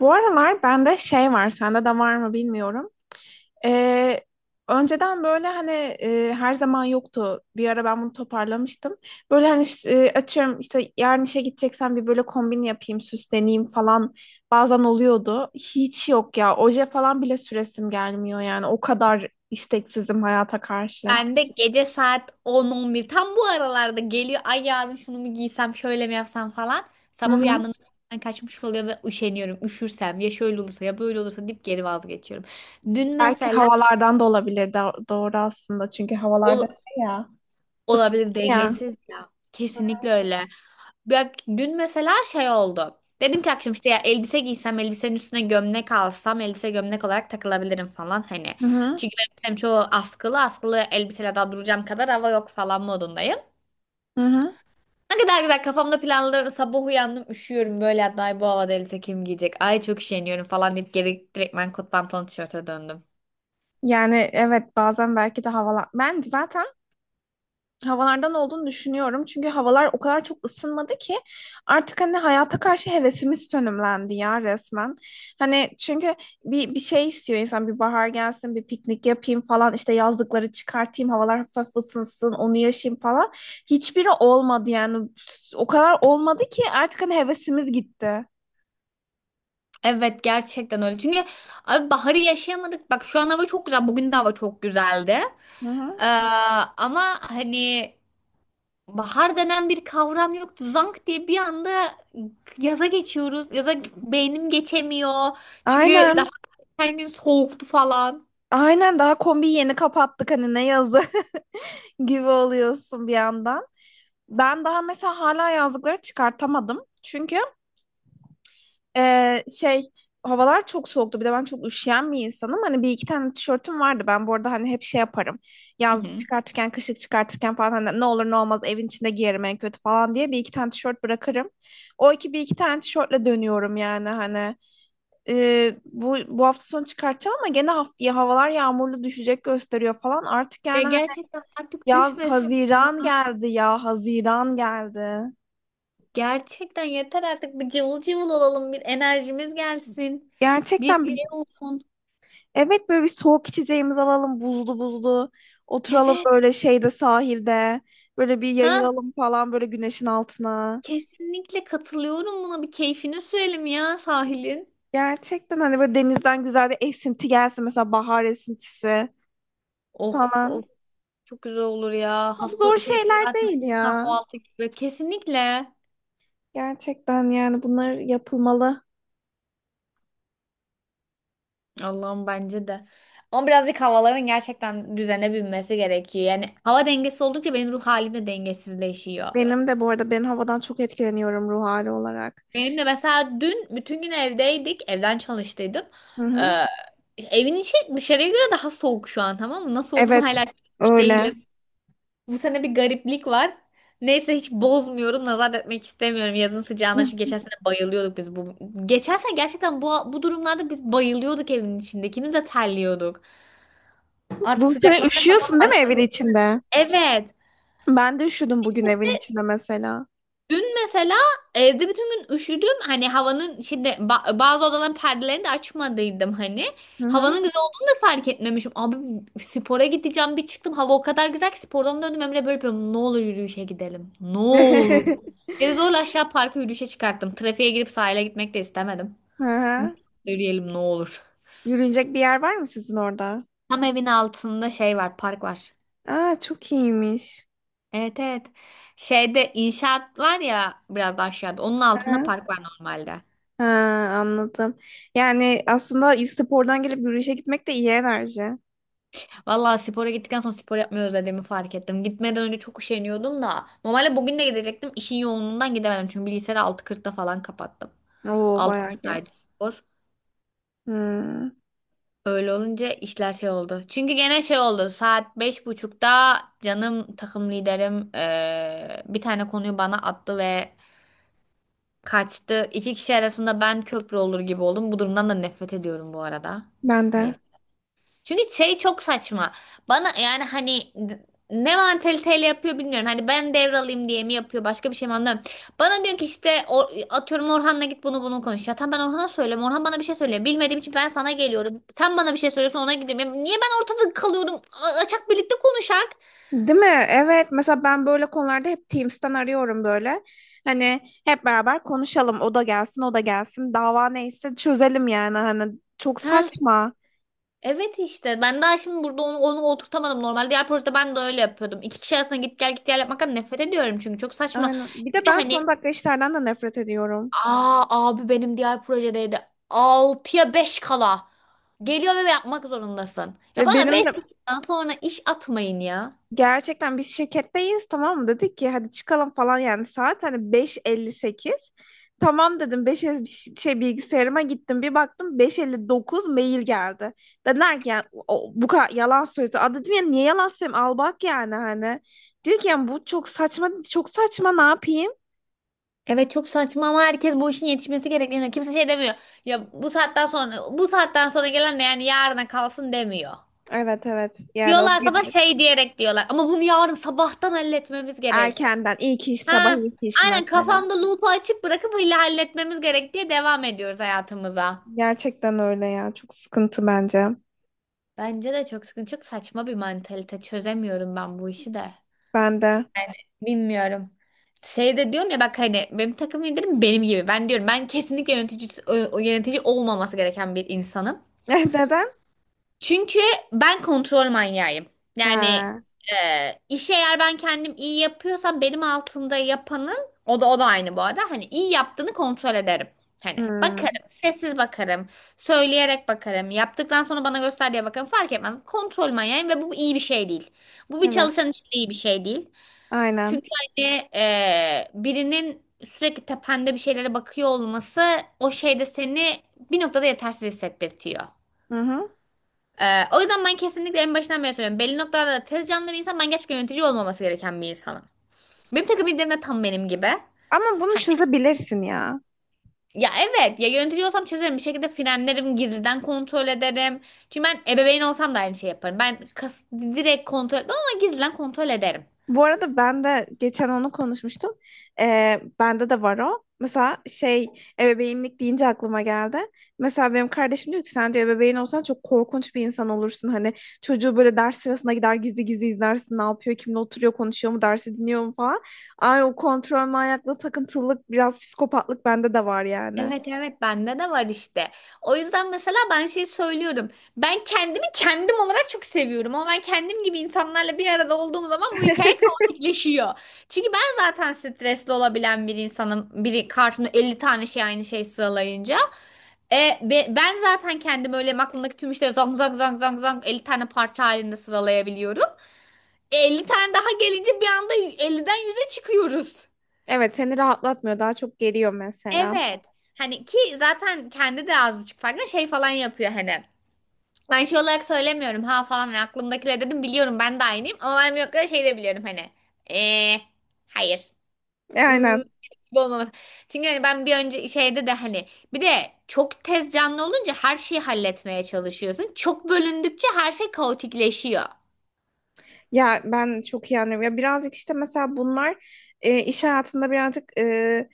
Bu aralar bende şey var, sende de var mı bilmiyorum. Ee, Önceden böyle hani her zaman yoktu. Bir ara ben bunu toparlamıştım. Böyle hani açıyorum işte yarın işe gideceksem bir böyle kombin yapayım, süsleneyim falan bazen oluyordu. Hiç yok ya. Oje falan bile süresim gelmiyor yani. O kadar isteksizim hayata karşı. Ben de gece saat 10-11 tam bu aralarda geliyor. Ay, yarın şunu mu giysem şöyle mi yapsam falan. Hı Sabah hı. uyandığımda zaten kaçmış oluyor ve üşeniyorum. Üşürsem ya şöyle olursa ya böyle olursa deyip geri vazgeçiyorum. Dün Belki mesela havalardan da olabilir. Doğru aslında çünkü havalarda ol- şey ya olabilir, ısınıyor. Ya. dengesiz ya. Kesinlikle öyle. Bak, dün mesela şey oldu. Dedim ki akşam işte ya elbise giysem, elbisenin üstüne gömlek alsam, elbise gömlek olarak takılabilirim falan hani. Hı hı. Çünkü benim elbisem çoğu askılı, askılı elbiseyle daha duracağım kadar hava yok falan modundayım. Hı hı. Ne kadar güzel kafamda planlı, sabah uyandım üşüyorum böyle, hatta "Ay, bu havada elbise kim giyecek, ay çok üşeniyorum" falan deyip geri direktmen kot pantolon tişörte döndüm. Yani evet bazen belki de havalar... Ben zaten havalardan olduğunu düşünüyorum. Çünkü havalar o kadar çok ısınmadı ki artık hani hayata karşı hevesimiz sönümlendi ya resmen. Hani çünkü bir şey istiyor insan, bir bahar gelsin, bir piknik yapayım falan, işte yazlıkları çıkartayım, havalar hafif ısınsın, onu yaşayayım falan. Hiçbiri olmadı yani, o kadar olmadı ki artık hani hevesimiz gitti. Evet, gerçekten öyle. Çünkü abi baharı yaşayamadık, bak şu an hava çok güzel, bugün de hava çok güzeldi. Hı hı. Ee, Ama hani bahar denen bir kavram yoktu, zank diye bir anda yaza geçiyoruz, yaza beynim geçemiyor çünkü daha Aynen. her gün soğuktu falan. Aynen, daha kombiyi yeni kapattık hani, ne yazı gibi oluyorsun bir yandan. Ben daha mesela hala yazlıkları çıkartamadım. Çünkü e, şey havalar çok soğuktu. Bir de ben çok üşüyen bir insanım. Hani bir iki tane tişörtüm vardı. Ben bu arada hani hep şey yaparım. Hı Yazlık hı. çıkartırken, kışlık çıkartırken falan, hani ne olur ne olmaz evin içinde giyerim en kötü falan diye bir iki tane tişört bırakırım. O iki Bir iki tane tişörtle dönüyorum yani hani. E, bu hafta sonu çıkartacağım, ama gene haftaya havalar yağmurlu düşecek gösteriyor falan. Artık Ya, yani hani gerçekten artık yaz, düşmesin. Haziran geldi ya, Haziran geldi. Gerçekten yeter artık, bir cıvıl cıvıl olalım, bir enerjimiz gelsin. Bir Gerçekten şey olsun. evet böyle bir soğuk içeceğimizi alalım, buzlu buzlu. Oturalım Evet. böyle şeyde, sahilde. Böyle bir Ha, yayılalım falan böyle güneşin altına. kesinlikle katılıyorum buna, bir keyfini sürelim ya sahilin. Gerçekten hani böyle denizden güzel bir esinti gelsin. Mesela bahar esintisi Of of, falan. çok güzel olur ya. Çok zor Hafta şey, şeyler pazartesi değil bir ya. kahvaltı gibi. Kesinlikle. Gerçekten yani bunlar yapılmalı. Allah'ım, bence de. Ama birazcık havaların gerçekten düzene binmesi gerekiyor. Yani hava dengesi oldukça, benim ruh halim de dengesizleşiyor. Benim de bu arada, ben havadan çok etkileniyorum ruh hali olarak. Benim de mesela dün bütün gün evdeydik. Evden çalıştıydım. Hı hı. Ee, Evin içi dışarıya göre daha soğuk şu an, tamam mı? Nasıl olduğunu Evet, hala çözmüş öyle. değilim. Bu sene bir gariplik var. Neyse, hiç bozmuyorum. Nazar etmek istemiyorum yazın sıcağına. Çünkü geçen sene bayılıyorduk biz bu. Geçen sene gerçekten bu durumlarda biz bayılıyorduk evin içinde. İkimiz de terliyorduk. Artık Bu sene sıcaklamaya falan üşüyorsun değil baş. mi evin içinde? Evet. Ben de üşüdüm bugün evin içinde mesela. Dün mesela evde bütün gün üşüdüm. Hani havanın şimdi bazı odaların perdelerini de açmadıydım hani. Hı Havanın hı. güzel olduğunu da fark etmemişim. Abi, spora gideceğim bir çıktım. Hava o kadar güzel ki, spordan döndüm, Emre böyle yapıyorum. Ne olur yürüyüşe gidelim. Ne Hı olur. Geri zorla aşağı parka yürüyüşe çıkarttım. Trafiğe girip sahile gitmek de istemedim. Dedim, hı. yürüyelim ne olur. Yürünecek bir yer var mı sizin orada? Tam evin altında şey var, park var. Aa, çok iyiymiş. Evet, evet. Şeyde inşaat var ya, biraz da aşağıda. Onun Hı. altında park var normalde. Ha, anladım. Yani aslında spordan gelip yürüyüşe gitmek de iyi enerji. Vallahi, spora gittikten sonra spor yapmayı özlediğimi fark ettim. Gitmeden önce çok üşeniyordum da. Normalde bugün de gidecektim. İşin yoğunluğundan gidemedim. Çünkü bilgisayarı 6.40'ta falan kapattım. Oo, bayağı 6.30'daydı geç. spor. Hmm, Öyle olunca işler şey oldu. Çünkü gene şey oldu. Saat beş buçukta canım takım liderim bir tane konuyu bana attı ve kaçtı. İki kişi arasında ben köprü olur gibi oldum. Bu durumdan da nefret ediyorum bu arada. ben de. Çünkü şey, çok saçma. Bana yani hani ne mantaliteyle yapıyor bilmiyorum. Hani ben devralayım diye mi yapıyor, başka bir şey mi, anlamıyorum. Bana diyor ki işte atıyorum Orhan'la git bunu bunu konuş. Ya tamam, ben Orhan'a söylüyorum. Orhan bana bir şey söylüyor. Bilmediğim için ben sana geliyorum. Sen bana bir şey söylüyorsun, ona gidiyorum. Ya niye ben ortada kalıyorum? A- Açak birlikte konuşak. Değil mi? Evet. Mesela ben böyle konularda hep Teams'ten arıyorum böyle. Hani hep beraber konuşalım. O da gelsin, o da gelsin. Dava neyse çözelim yani. Hani çok Ha saçma. evet, işte ben daha şimdi burada onu oturtamadım. Normal diğer projede ben de öyle yapıyordum. İki kişi arasında git gel git gel yapmaktan nefret ediyorum, çünkü çok saçma. Aynen. Bir de Bir de ben hani, son dakika işlerden de nefret ediyorum. aa abi benim diğer projedeydi. 6'ya 5 kala geliyor ve yapmak zorundasın. Ya Ve bana benim de 5 buçuktan sonra iş atmayın ya. gerçekten biz şirketteyiz, tamam mı? Dedik ki hadi çıkalım falan, yani saat hani beş elli sekiz. Tamam dedim, 5 şey, bilgisayarıma gittim, bir baktım beş elli dokuz mail geldi. Dediler ki yani, o- bu kadar yalan söyledi. Aa, dedim ya, niye yalan söylüyorum, al bak yani hani. Diyor ki yani bu çok saçma, çok saçma, ne yapayım? Evet, çok saçma. Ama herkes bu işin yetişmesi gerektiğini, kimse şey demiyor. Ya bu saatten sonra, bu saatten sonra gelen de yani yarına kalsın demiyor. Evet evet, yani o Diyorlarsa da bir şey diyerek diyorlar. Ama bunu yarın sabahtan halletmemiz gerek. erkenden, ilk iş sabah Ha, ilk iş aynen, mesela. kafamda loop'u açıp bırakıp öyle halletmemiz gerek diye devam ediyoruz hayatımıza. Gerçekten öyle ya, çok sıkıntı bence. Bence de çok sıkıntı. Çok saçma bir mantalite. Çözemiyorum ben bu işi de. Ben de. Yani bilmiyorum. Şey de diyorum ya, bak hani benim takım liderim benim gibi. Ben diyorum, ben kesinlikle yönetici, yönetici olmaması gereken bir insanım. Neden? Çünkü ben kontrol manyağıyım. Yani Ha. İşi eğer ben kendim iyi yapıyorsam benim altında yapanın, o da aynı bu arada. Hani iyi yaptığını kontrol ederim. Hani Hmm. bakarım, sessiz bakarım, söyleyerek bakarım, yaptıktan sonra bana göster diye bakarım, fark etmez. Kontrol manyağıyım ve bu iyi bir şey değil. Bu bir Evet, çalışan için iyi bir şey değil. aynen. Çünkü hani birinin sürekli tepende bir şeylere bakıyor olması, o şeyde seni bir noktada yetersiz hissettirtiyor. Hı hı. O yüzden ben kesinlikle en başından beri söylüyorum. Belli noktalarda tez canlı bir insan, ben gerçekten yönetici olmaması gereken bir insanım. Benim takım liderim de tam benim gibi. Ama bunu Hani, çözebilirsin ya. ya evet, ya yönetici olsam çözerim bir şekilde, frenlerim, gizliden kontrol ederim. Çünkü ben ebeveyn olsam da aynı şey yaparım. Ben kas, direkt kontrol etmem ama gizliden kontrol ederim. Bu arada ben de geçen onu konuşmuştum. Bende de var o. Mesela şey, ebeveynlik deyince aklıma geldi. Mesela benim kardeşim diyor ki, sen diyor ebeveyn olsan çok korkunç bir insan olursun. Hani çocuğu böyle ders sırasına gider gizli gizli izlersin, ne yapıyor, kimle oturuyor, konuşuyor mu, dersi dinliyor mu falan. Ay, o kontrol manyaklığı, takıntılılık, biraz psikopatlık bende de var yani. Evet, evet, bende de var işte. O yüzden mesela ben şey söylüyorum. Ben kendimi kendim olarak çok seviyorum, ama ben kendim gibi insanlarla bir arada olduğum zaman bu hikaye kaotikleşiyor. Çünkü ben zaten stresli olabilen bir insanım. Biri karşımda 50 tane şey, aynı şey sıralayınca. Ben zaten kendim öyle aklımdaki tüm işleri zang zang zang zang zang 50 tane parça halinde sıralayabiliyorum. 50 tane daha gelince bir anda 50'den 100'e çıkıyoruz. Evet, seni rahatlatmıyor, daha çok geriyor mesela. Evet. Hani ki zaten kendi de az buçuk farkında, şey falan yapıyor hani. Ben şey olarak söylemiyorum ha falan, hani aklımdakiler dedim, biliyorum ben de aynıyım, ama ben yok kadar şey de biliyorum hani. Eee hayır. E, Hmm, aynen. gibi olmaması. Çünkü hani ben bir önce şeyde de hani, bir de çok tez canlı olunca her şeyi halletmeye çalışıyorsun. Çok bölündükçe her şey kaotikleşiyor. Ya ben çok iyi anlıyorum. Ya birazcık işte mesela bunlar iş hayatında birazcık,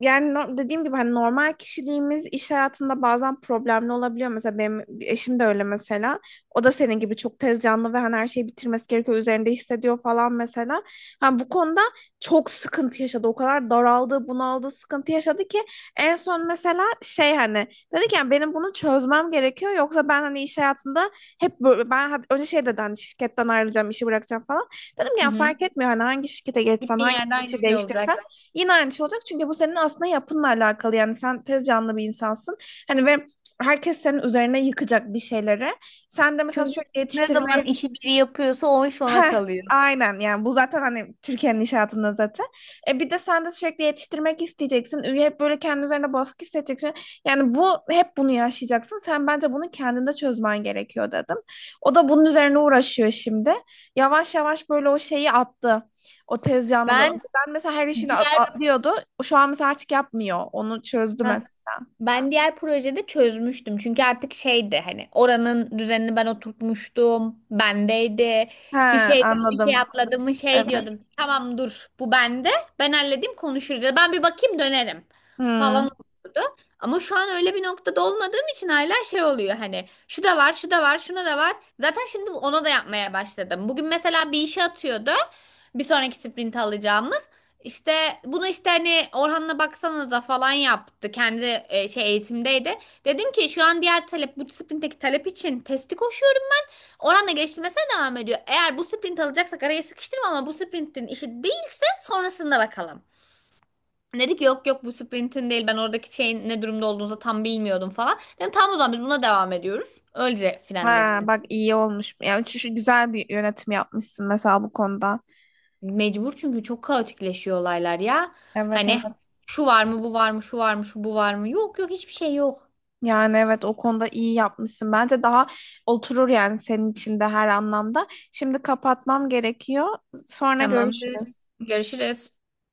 yani dediğim gibi hani normal kişiliğimiz iş hayatında bazen problemli olabiliyor. Mesela benim eşim de öyle mesela. O da senin gibi çok tez canlı ve hani her şeyi bitirmesi gerekiyor. Üzerinde hissediyor falan mesela. Hani bu konuda çok sıkıntı yaşadı. O kadar daraldı, bunaldı, sıkıntı yaşadı ki en son mesela şey hani dedi ki, yani benim bunu çözmem gerekiyor. Yoksa ben hani iş hayatında hep böyle, ben önce şey dedi hani, şirketten ayrılacağım, işi bırakacağım falan. Dedim ki Hı yani hı. fark etmiyor, hani hangi şirkete geçsen, Gittiğin hangi yerde aynı işi şey olacak. değiştirsen yine aynı şey olacak, çünkü bu senin aslında yapınla alakalı. Yani sen tez canlı bir insansın. Hani ve herkes senin üzerine yıkacak bir şeyleri. Sen de mesela Çünkü sürekli ne zaman yetiştirmeye. işi biri yapıyorsa o iş ona Heh, kalıyor. aynen, yani bu zaten hani Türkiye'nin inşaatında zaten. E bir de sen de sürekli yetiştirmek isteyeceksin. Hep böyle kendi üzerine baskı hissedeceksin. Yani bu, hep bunu yaşayacaksın. Sen bence bunu kendinde çözmen gerekiyor dedim. O da bunun üzerine uğraşıyor şimdi. Yavaş yavaş böyle o şeyi attı. O tez yanlılığı. Ben Önceden mesela her işini diğer atlıyordu. Şu an mesela artık yapmıyor. Onu çözdü Heh. mesela. Ben diğer projede çözmüştüm. Çünkü artık şeydi, hani oranın düzenini ben oturtmuştum. Bendeydi. He, Bir şey bir şey anladım. atladım mı, şey Evet. diyordum. Tamam, dur, bu bende. Ben halledeyim, konuşuruz. Ya da ben bir bakayım, dönerim Hmm. falan olurdu. Ama şu an öyle bir noktada olmadığım için hala şey oluyor, hani şu da var, şu da var, şuna da var. Zaten şimdi ona da yapmaya başladım. Bugün mesela bir işe atıyordu. Bir sonraki sprint alacağımız. İşte bunu işte hani Orhan'la baksanıza falan yaptı. Kendi şey, eğitimdeydi. Dedim ki şu an diğer talep, bu sprintteki talep için testi koşuyorum. Orhan'la geliştirmesine devam ediyor. Eğer bu sprint alacaksak araya sıkıştırma, ama bu sprintin işi değilse sonrasında bakalım. Dedi ki yok yok bu sprintin değil, ben oradaki şeyin ne durumda olduğunuzu tam bilmiyordum falan. Dedim tamam, o zaman biz buna devam ediyoruz. Öylece Ha, finalledim. bak iyi olmuş. Yani şu güzel bir yönetim yapmışsın mesela bu konuda. Mecbur, çünkü çok kaotikleşiyor olaylar ya. Evet Hani evet. şu var mı, bu var mı, şu var mı, şu bu var mı, yok yok, hiçbir şey yok. Yani evet, o konuda iyi yapmışsın. Bence daha oturur yani senin için de her anlamda. Şimdi kapatmam gerekiyor. Sonra Tamamdır. görüşürüz. Görüşürüz.